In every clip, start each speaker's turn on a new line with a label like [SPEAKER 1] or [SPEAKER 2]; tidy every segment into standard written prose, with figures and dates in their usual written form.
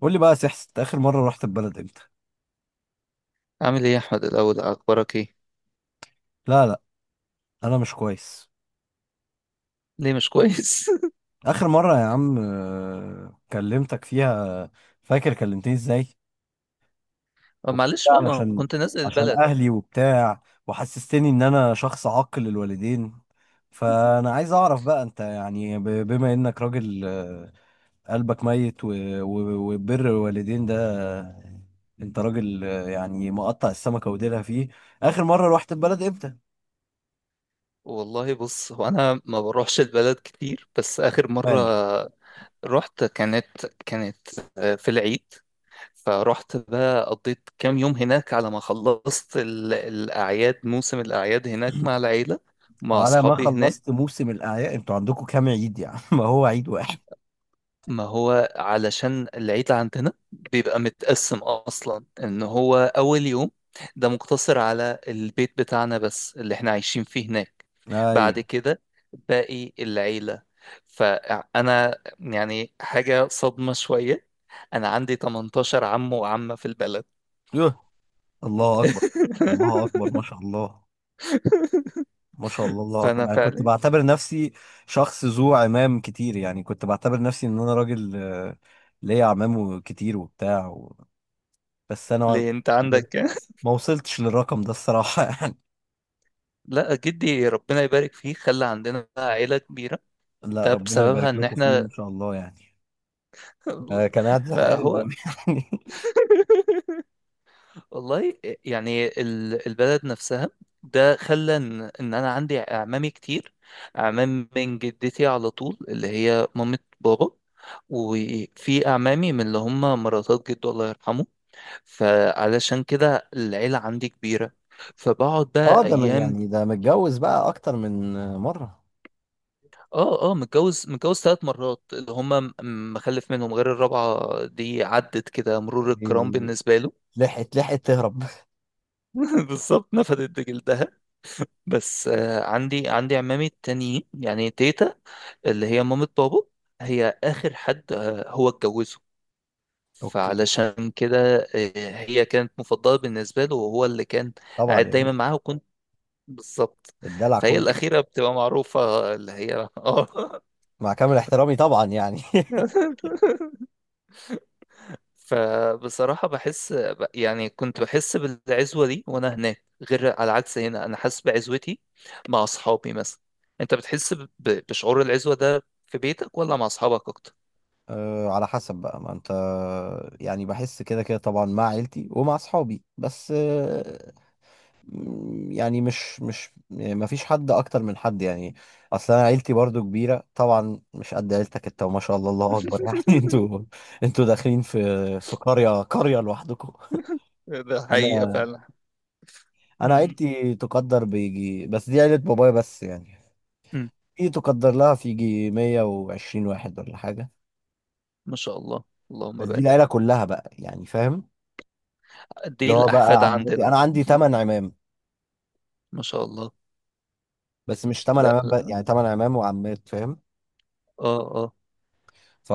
[SPEAKER 1] قول لي بقى يا سحس، انت اخر مره رحت البلد امتى؟
[SPEAKER 2] عامل ايه يا احمد، الاول اخبارك ايه؟
[SPEAKER 1] لا لا، انا مش كويس.
[SPEAKER 2] ليه مش كويس؟
[SPEAKER 1] اخر مره يا عم كلمتك فيها. فاكر كلمتني ازاي؟ وكل ده
[SPEAKER 2] معلش بقى، ما
[SPEAKER 1] علشان
[SPEAKER 2] كنت نازل
[SPEAKER 1] عشان
[SPEAKER 2] البلد.
[SPEAKER 1] اهلي وبتاع. وحسستني ان انا شخص عاق للوالدين. فانا عايز اعرف بقى، انت يعني بما انك راجل، قلبك ميت وبر الوالدين ده. آه، انت راجل، يعني مقطع السمكه وديلها فيه. اخر مره رحت البلد امتى؟
[SPEAKER 2] والله بص، هو انا ما بروحش البلد كتير، بس اخر مره رحت كانت في العيد. فرحت بقى، قضيت كام يوم هناك على ما خلصت الاعياد، موسم الاعياد هناك مع العيله، مع
[SPEAKER 1] على ما
[SPEAKER 2] اصحابي هناك.
[SPEAKER 1] خلصت موسم الأعياد، انتوا عندكم كام عيد يعني؟ ما هو عيد واحد.
[SPEAKER 2] ما هو علشان العيد عندنا بيبقى متقسم اصلا، ان هو اول يوم ده مقتصر على البيت بتاعنا بس، اللي احنا عايشين فيه هناك.
[SPEAKER 1] ايوه.
[SPEAKER 2] بعد كده، باقي العيلة. فانا يعني حاجة صدمة شوية، انا عندي 18 عم وعمة في البلد.
[SPEAKER 1] يوه. الله اكبر. الله اكبر ما شاء الله. ما شاء الله، الله اكبر.
[SPEAKER 2] فانا
[SPEAKER 1] انا كنت
[SPEAKER 2] فعلا.
[SPEAKER 1] بعتبر نفسي شخص ذو عمام كتير، يعني كنت بعتبر نفسي ان انا راجل، ليا عمام كتير وبتاع و... بس انا
[SPEAKER 2] ليه، انت
[SPEAKER 1] ما
[SPEAKER 2] عندك كام؟
[SPEAKER 1] ما وصلتش للرقم ده الصراحة يعني.
[SPEAKER 2] لا، جدي ربنا يبارك فيه خلى عندنا بقى عيلة كبيرة.
[SPEAKER 1] لا،
[SPEAKER 2] ده
[SPEAKER 1] ربنا
[SPEAKER 2] بسببها
[SPEAKER 1] يبارك
[SPEAKER 2] ان
[SPEAKER 1] لكم فيه ما
[SPEAKER 2] احنا...
[SPEAKER 1] شاء الله يعني. كان قاعد زهقان
[SPEAKER 2] فهو...
[SPEAKER 1] أوي يعني.
[SPEAKER 2] والله. يعني البلد نفسها، ده خلى ان انا عندي اعمامي كتير، اعمام من جدتي على طول، اللي هي مامة بابا. وفي اعمامي من اللي هم مراتات جده الله يرحمه، فعلشان كده العيلة عندي كبيرة، فبقعد
[SPEAKER 1] اه،
[SPEAKER 2] بقى
[SPEAKER 1] ده
[SPEAKER 2] ايام.
[SPEAKER 1] يعني ده متجوز بقى اكتر من مرة.
[SPEAKER 2] اه، اه، متجوز متجوز 3 مرات، اللي هم مخلف منهم، غير الرابعة دي عدت كده مرور الكرام
[SPEAKER 1] يعني
[SPEAKER 2] بالنسبة له.
[SPEAKER 1] لحقت تهرب.
[SPEAKER 2] بالظبط، نفدت جلدها. بس عندي عمامي التانيين، يعني تيتا، اللي هي مامة بابا، هي آخر حد هو اتجوزه.
[SPEAKER 1] اوكي.
[SPEAKER 2] فعلشان كده هي كانت مفضلة بالنسبة له، وهو اللي كان
[SPEAKER 1] طبعا
[SPEAKER 2] قاعد
[SPEAKER 1] يا
[SPEAKER 2] دايما
[SPEAKER 1] باشا.
[SPEAKER 2] معاها، وكنت بالظبط.
[SPEAKER 1] الدلع
[SPEAKER 2] فهي
[SPEAKER 1] كله.
[SPEAKER 2] الأخيرة بتبقى معروفة، اللي هي اه.
[SPEAKER 1] مع كامل احترامي طبعا يعني
[SPEAKER 2] فبصراحة بحس يعني كنت بحس بالعزوة دي وأنا هناك، غير على العكس هنا أنا حاسس بعزوتي مع أصحابي مثلا. أنت بتحس بشعور العزوة ده في بيتك ولا مع أصحابك أكتر؟
[SPEAKER 1] أه، على حسب بقى ما انت. يعني بحس كده كده طبعا مع عيلتي ومع اصحابي، بس أه يعني مش ما فيش حد اكتر من حد يعني. اصل انا عيلتي برضو كبيره طبعا، مش قد عيلتك انت وما شاء الله الله اكبر يعني انتوا داخلين في قريه قريه لوحدكم.
[SPEAKER 2] ده حقيقة
[SPEAKER 1] انا
[SPEAKER 2] فعلا.
[SPEAKER 1] انا
[SPEAKER 2] مم.
[SPEAKER 1] عيلتي تقدر بيجي، بس دي عيله بابايا بس يعني.
[SPEAKER 2] مم.
[SPEAKER 1] دي تقدر لها في يجي 120 واحد ولا حاجة.
[SPEAKER 2] ما شاء الله، اللهم
[SPEAKER 1] بس دي العيلة
[SPEAKER 2] بارك.
[SPEAKER 1] كلها بقى يعني، فاهم؟
[SPEAKER 2] قد
[SPEAKER 1] اللي
[SPEAKER 2] ايه
[SPEAKER 1] هو بقى
[SPEAKER 2] الأحفاد
[SPEAKER 1] عمتي،
[SPEAKER 2] عندنا؟
[SPEAKER 1] أنا عندي تمن عمام.
[SPEAKER 2] ما شاء الله.
[SPEAKER 1] بس مش تمن
[SPEAKER 2] لا،
[SPEAKER 1] عمام بقى
[SPEAKER 2] لا.
[SPEAKER 1] يعني، تمن عمام وعمات، فاهم؟
[SPEAKER 2] اه، اه.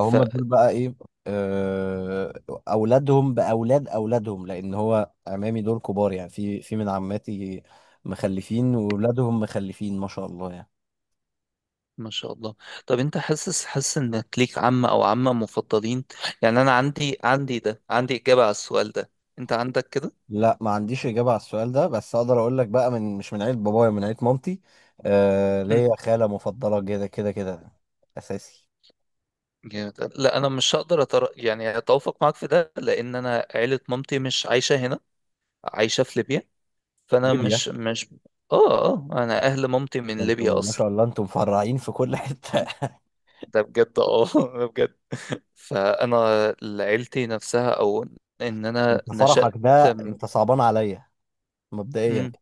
[SPEAKER 2] ف...
[SPEAKER 1] دول بقى إيه؟ آه، أولادهم بأولاد أولادهم، لأن هو عمامي دول كبار يعني، في من عماتي مخلفين وولادهم مخلفين ما شاء الله يعني.
[SPEAKER 2] ما شاء الله. طب انت حاسس حاسس انك ليك عم او عمة مفضلين؟ يعني انا عندي إجابة على السؤال ده، انت عندك كده؟
[SPEAKER 1] لا، ما عنديش إجابة على السؤال ده، بس أقدر أقول لك بقى، من مش من عيلة بابايا، من عيلة مامتي. آه
[SPEAKER 2] مم.
[SPEAKER 1] ليا خالة مفضلة، كده كده كده، أساسي.
[SPEAKER 2] جامد، لا انا مش هقدر يعني اتوافق معاك في ده، لان انا عيله مامتي مش عايشه هنا، عايشه في ليبيا. فانا
[SPEAKER 1] ليبيا.
[SPEAKER 2] مش اه، اه. انا اهل مامتي
[SPEAKER 1] ده
[SPEAKER 2] من ليبيا
[SPEAKER 1] انتوا ما
[SPEAKER 2] اصلا.
[SPEAKER 1] شاء الله، انتوا مفرعين في كل حتة
[SPEAKER 2] ده بجد اه. ده بجد. فانا... عيلتي نفسها، او... ان انا
[SPEAKER 1] انت فرحك
[SPEAKER 2] نشأت...
[SPEAKER 1] ده
[SPEAKER 2] م-
[SPEAKER 1] انت صعبان عليا مبدئيا.
[SPEAKER 2] مم.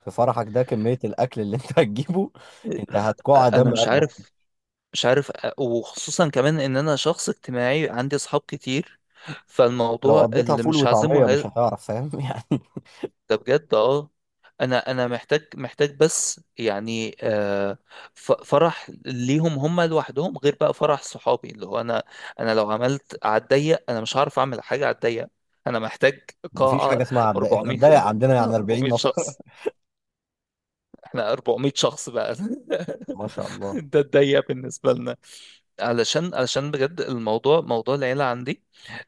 [SPEAKER 1] في فرحك ده، كمية الأكل اللي انت هتجيبه، انت هتقع دم
[SPEAKER 2] انا مش
[SPEAKER 1] قلبك.
[SPEAKER 2] عارف، مش عارف وخصوصا كمان ان انا شخص اجتماعي، عندي اصحاب كتير.
[SPEAKER 1] لو
[SPEAKER 2] فالموضوع
[SPEAKER 1] قضيتها
[SPEAKER 2] اللي
[SPEAKER 1] فول
[SPEAKER 2] مش هعزمه...
[SPEAKER 1] وطعمية مش هتعرف، فاهم يعني؟
[SPEAKER 2] ده بجد اه. انا محتاج بس يعني فرح ليهم هم لوحدهم، غير بقى فرح صحابي اللي هو انا. انا لو عملت على الضيق، انا مش هعرف اعمل حاجه على الضيق. انا محتاج
[SPEAKER 1] مفيش
[SPEAKER 2] قاعه،
[SPEAKER 1] حاجة اسمها عبد، احنا الضيق
[SPEAKER 2] 400،
[SPEAKER 1] عندنا يعني 40
[SPEAKER 2] 400،
[SPEAKER 1] نفر
[SPEAKER 2] شخص. احنا 400 شخص بقى.
[SPEAKER 1] ما شاء الله.
[SPEAKER 2] ده الضيق بالنسبه لنا. علشان بجد الموضوع، موضوع العيله عندي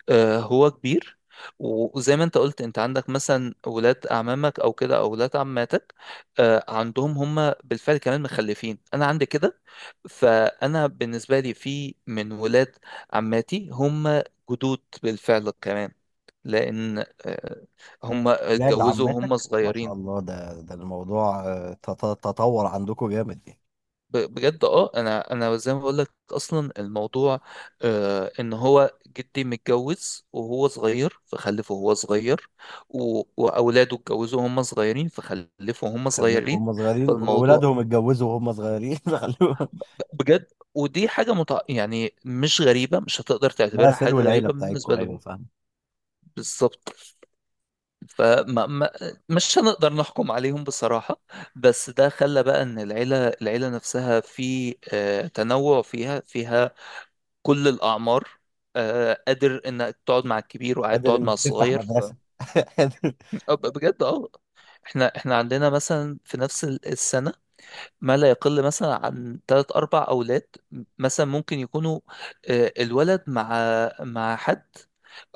[SPEAKER 2] هو كبير. وزي ما انت قلت، انت عندك مثلا ولاد اعمامك او كده، او ولاد عماتك، عندهم هم بالفعل كمان مخلفين، انا عندي كده. فانا بالنسبه لي، في من ولاد عماتي هم جدود بالفعل كمان، لان آه، هم
[SPEAKER 1] ولاد
[SPEAKER 2] اتجوزوا وهم
[SPEAKER 1] عمتك ما شاء
[SPEAKER 2] صغيرين.
[SPEAKER 1] الله. ده الموضوع، تطور عندكم جامد يعني.
[SPEAKER 2] بجد اه، انا زي ما بقول لك، اصلا الموضوع ان هو جدي متجوز وهو صغير فخلفه وهو صغير، واولاده اتجوزوا وهم صغيرين فخلفوا وهم
[SPEAKER 1] خلفوا
[SPEAKER 2] صغيرين.
[SPEAKER 1] هم صغيرين،
[SPEAKER 2] فالموضوع
[SPEAKER 1] وولادهم اتجوزوا وهم صغيرين خلوهم.
[SPEAKER 2] بجد، ودي حاجة يعني مش غريبة، مش هتقدر
[SPEAKER 1] لا،
[SPEAKER 2] تعتبرها
[SPEAKER 1] سلو
[SPEAKER 2] حاجة
[SPEAKER 1] العيله
[SPEAKER 2] غريبة
[SPEAKER 1] بتاعتكم،
[SPEAKER 2] بالنسبة
[SPEAKER 1] ايوه
[SPEAKER 2] لهم.
[SPEAKER 1] فاهم.
[SPEAKER 2] بالظبط. فما ما مش هنقدر نحكم عليهم بصراحة. بس ده خلى بقى ان العيلة نفسها في تنوع فيها كل الأعمار، قادر إنك تقعد مع الكبير وقاعد
[SPEAKER 1] قادر
[SPEAKER 2] تقعد مع
[SPEAKER 1] انك تفتح
[SPEAKER 2] الصغير، ف...
[SPEAKER 1] مدرسه
[SPEAKER 2] بجد اه. احنا عندنا مثلا في نفس السنة، ما لا يقل مثلا عن تلات أربع أولاد، مثلا ممكن يكونوا الولد مع مع حد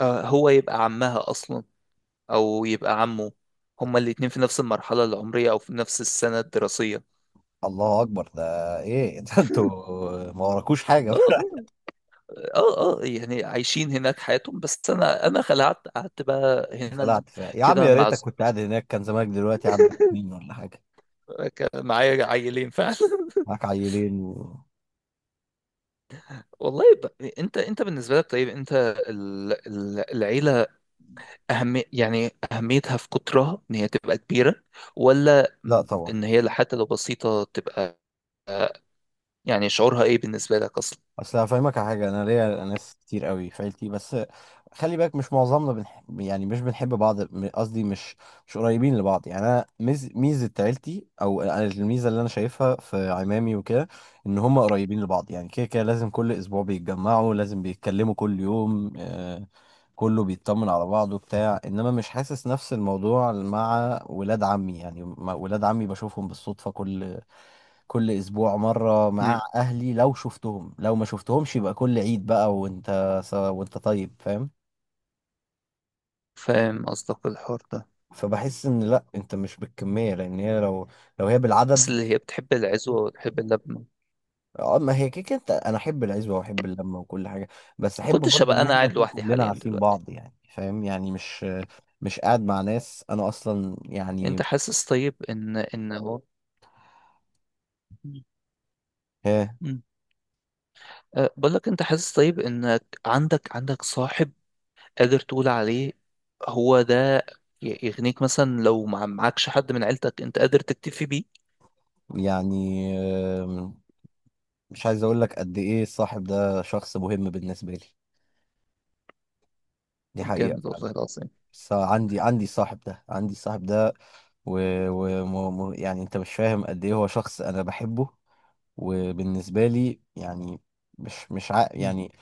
[SPEAKER 2] هو يبقى عمها أصلا، أو يبقى عمه، هما الاتنين في نفس المرحلة العمرية أو في نفس السنة الدراسية.
[SPEAKER 1] الله اكبر ده. ايه؟ ده انتوا ما وراكوش حاجه
[SPEAKER 2] اه، اه، اه. يعني عايشين هناك حياتهم، بس انا خلعت قعدت بقى هنا
[SPEAKER 1] خلعت فيها يا عم،
[SPEAKER 2] كده
[SPEAKER 1] يا
[SPEAKER 2] مع...
[SPEAKER 1] ريتك كنت قاعد هناك، كان زمانك دلوقتي عندك اتنين ولا حاجه.
[SPEAKER 2] كان معايا عيلين فعلا.
[SPEAKER 1] معاك عيلين و...
[SPEAKER 2] والله، انت بالنسبه لك طيب، انت العيله، اهم يعني اهميتها في قطرها ان هي تبقى كبيره، ولا
[SPEAKER 1] لا طبعا.
[SPEAKER 2] ان هي حتى لو بسيطه تبقى؟ يعني شعورها ايه بالنسبه لك اصلا؟
[SPEAKER 1] اصل هفهمك على حاجه، انا ليا ناس كتير قوي في عيلتي، بس خلي بالك مش معظمنا يعني مش بنحب بعض، قصدي مش، مش قريبين لبعض يعني. انا ميزه عيلتي، او الميزه اللي انا شايفها في عمامي وكده، ان هم قريبين لبعض يعني. كده كده لازم كل اسبوع بيتجمعوا، لازم بيتكلموا كل يوم، كله بيطمن على بعضه بتاع. انما مش حاسس نفس الموضوع مع ولاد عمي يعني، مع ولاد عمي بشوفهم بالصدفه كل اسبوع مره.
[SPEAKER 2] مم.
[SPEAKER 1] مع اهلي لو شفتهم لو ما شفتهمش يبقى كل عيد بقى، وانت وانت طيب، فاهم؟
[SPEAKER 2] فاهم قصدك، الحوار ده.
[SPEAKER 1] فبحس ان، لا، انت مش بالكميه، لان هي لو هي
[SPEAKER 2] بس
[SPEAKER 1] بالعدد.
[SPEAKER 2] اللي هي بتحب العزوه وتحب اللبنه، ما
[SPEAKER 1] اه، ما هي كده كده انت. انا احب العزوه واحب اللمه وكل حاجه، بس احب
[SPEAKER 2] كنتش
[SPEAKER 1] برضه
[SPEAKER 2] هبقى
[SPEAKER 1] ان
[SPEAKER 2] انا
[SPEAKER 1] احنا
[SPEAKER 2] قاعد
[SPEAKER 1] نكون
[SPEAKER 2] لوحدي
[SPEAKER 1] كلنا
[SPEAKER 2] حاليا
[SPEAKER 1] عارفين
[SPEAKER 2] دلوقتي.
[SPEAKER 1] بعض يعني، فاهم يعني؟ مش قاعد مع ناس انا اصلا يعني.
[SPEAKER 2] انت حاسس طيب ان هو... مم.
[SPEAKER 1] ها.
[SPEAKER 2] مم. أه، بقول لك، انت حاسس طيب انك عندك صاحب قادر تقول عليه هو ده يغنيك مثلا، لو معكش حد من عيلتك انت قادر تكتفي بيه؟
[SPEAKER 1] يعني مش عايز اقول لك قد ايه الصاحب ده شخص مهم بالنسبه لي. دي
[SPEAKER 2] طب
[SPEAKER 1] حقيقه.
[SPEAKER 2] جامد، والله العظيم.
[SPEAKER 1] بس عندي صاحب ده، عندي صاحب ده، و... يعني انت مش فاهم قد ايه هو شخص انا بحبه وبالنسبه لي يعني. مش
[SPEAKER 2] مم.
[SPEAKER 1] يعني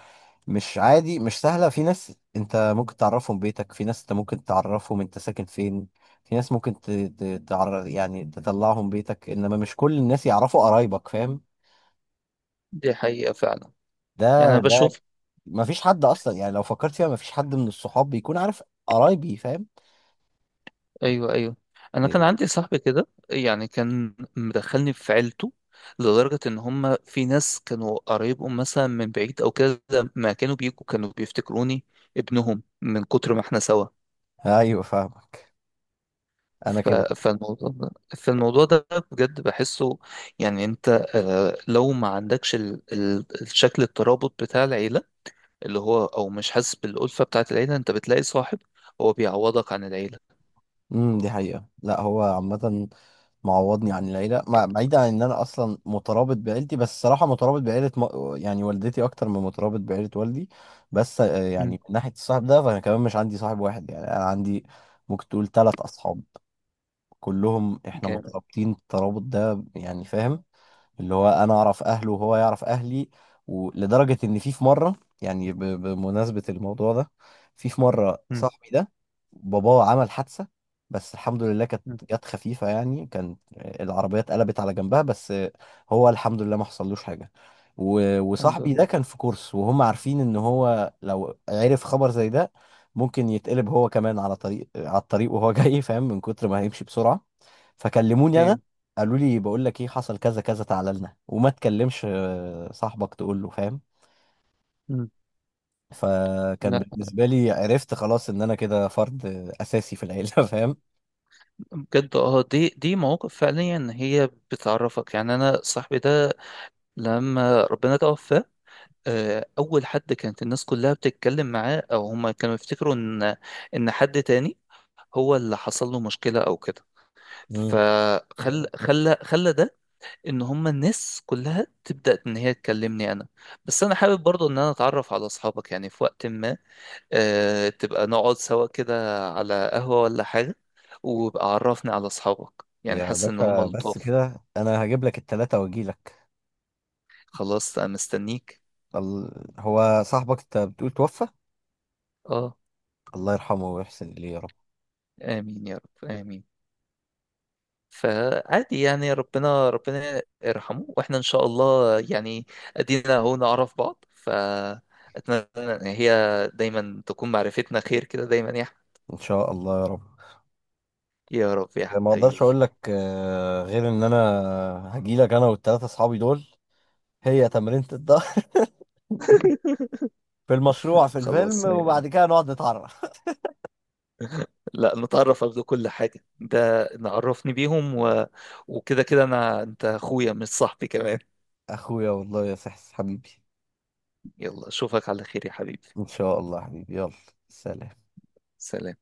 [SPEAKER 1] مش عادي، مش سهله. في ناس انت ممكن تعرفهم بيتك، في ناس انت ممكن تعرفهم انت ساكن فين، في ناس ممكن تعرف يعني تطلعهم بيتك، انما مش كل الناس يعرفوا قرايبك، فاهم؟
[SPEAKER 2] دي حقيقة فعلا. يعني انا
[SPEAKER 1] ده ده
[SPEAKER 2] بشوف.
[SPEAKER 1] ما فيش حد اصلا يعني، لو فكرت فيها ما فيش حد من الصحاب بيكون عارف قرايبي، فاهم؟
[SPEAKER 2] ايوه، ايوه. انا كان
[SPEAKER 1] إيه،
[SPEAKER 2] عندي صاحبي كده، يعني كان مدخلني في عيلته، لدرجة ان هم في ناس كانوا قرايبهم مثلا من بعيد او كده، ما كانوا بيجوا كانوا بيفتكروني ابنهم من كتر ما احنا سوا.
[SPEAKER 1] ايوه فاهمك. انا
[SPEAKER 2] ف-
[SPEAKER 1] كده.
[SPEAKER 2] فالموضوع ده، فالموضوع ده بجد بحسه، يعني انت لو ما عندكش الشكل الترابط بتاع العيلة، اللي هو او مش حاسس بالألفة بتاعت العيلة، انت بتلاقي صاحب هو بيعوضك عن العيلة.
[SPEAKER 1] دي حقيقة، لا هو عامة معوضني عن العيلة، بعيدا عن ان انا اصلا مترابط بعيلتي، بس الصراحة مترابط بعيلة يعني والدتي اكتر من مترابط بعيلة والدي. بس
[SPEAKER 2] مم.
[SPEAKER 1] يعني من ناحية الصاحب ده، فانا كمان مش عندي صاحب واحد يعني. انا عندي، ممكن تقول ثلاث اصحاب، كلهم احنا
[SPEAKER 2] جامد.
[SPEAKER 1] مترابطين الترابط ده يعني، فاهم؟ اللي هو انا اعرف اهله وهو يعرف اهلي. ولدرجه ان في في مره، يعني بمناسبه الموضوع ده، في مره
[SPEAKER 2] مم.
[SPEAKER 1] صاحبي ده، باباه عمل حادثه. بس الحمد لله كانت،
[SPEAKER 2] مم.
[SPEAKER 1] جت خفيفه يعني، كان العربيه اتقلبت على جنبها بس، هو الحمد لله ما حصلوش حاجه.
[SPEAKER 2] الحمد
[SPEAKER 1] وصاحبي ده
[SPEAKER 2] لله.
[SPEAKER 1] كان في كورس، وهم عارفين ان هو لو عرف خبر زي ده، ممكن يتقلب هو كمان على على الطريق وهو جاي، فاهم، من كتر ما هيمشي بسرعه. فكلموني انا،
[SPEAKER 2] ايوه.
[SPEAKER 1] قالوا لي، بقول لك ايه، حصل كذا كذا، تعالى لنا وما تكلمش صاحبك، تقول له، فاهم؟
[SPEAKER 2] مم.
[SPEAKER 1] فكان
[SPEAKER 2] لا.
[SPEAKER 1] بالنسبه لي، عرفت خلاص ان انا كده فرد اساسي في العيله فاهم؟
[SPEAKER 2] بجد اه، دي مواقف فعليا هي بتعرفك. يعني انا صاحبي ده لما ربنا توفى، اول حد كانت الناس كلها بتتكلم معاه، او هما كانوا يفتكروا ان حد تاني هو اللي حصل له مشكلة او كده.
[SPEAKER 1] مم.
[SPEAKER 2] فخل خلى خلى ده ان هما الناس كلها تبدأ ان هي تكلمني انا. بس انا حابب برضو ان انا اتعرف على اصحابك، يعني في وقت ما تبقى نقعد سوا كده على قهوة ولا حاجة، وبقى عرفني على اصحابك، يعني
[SPEAKER 1] يا
[SPEAKER 2] حاسس ان هما
[SPEAKER 1] باشا، بس
[SPEAKER 2] لطاف.
[SPEAKER 1] كده انا هجيب لك التلاته واجي لك.
[SPEAKER 2] خلاص انا مستنيك.
[SPEAKER 1] ال... هو صاحبك انت بتقول توفى؟
[SPEAKER 2] اه.
[SPEAKER 1] الله يرحمه ويحسن اليه يا رب.
[SPEAKER 2] امين يا رب، امين. فعادي يعني، ربنا ربنا يرحمه، واحنا ان شاء الله يعني، ادينا اهو نعرف بعض، فاتمنى ان هي دايما تكون معرفتنا خير كده دايما
[SPEAKER 1] ان شاء الله يا رب.
[SPEAKER 2] يا رب يا
[SPEAKER 1] ما اقدرش
[SPEAKER 2] حبيبي.
[SPEAKER 1] اقول لك غير ان انا هجي لك، انا والتلاته اصحابي دول. هي تمرينة الظهر في المشروع في الفيلم،
[SPEAKER 2] خلاص
[SPEAKER 1] وبعد كده نقعد نتعرف.
[SPEAKER 2] لا، نتعرف قبل كل حاجة، ده نعرفني بيهم وكده كده انا، انت اخويا مش صاحبي كمان.
[SPEAKER 1] اخويا والله يا سحس حبيبي.
[SPEAKER 2] يلا اشوفك على خير يا حبيبي.
[SPEAKER 1] ان شاء الله حبيبي، يلا، سلام.
[SPEAKER 2] سلام.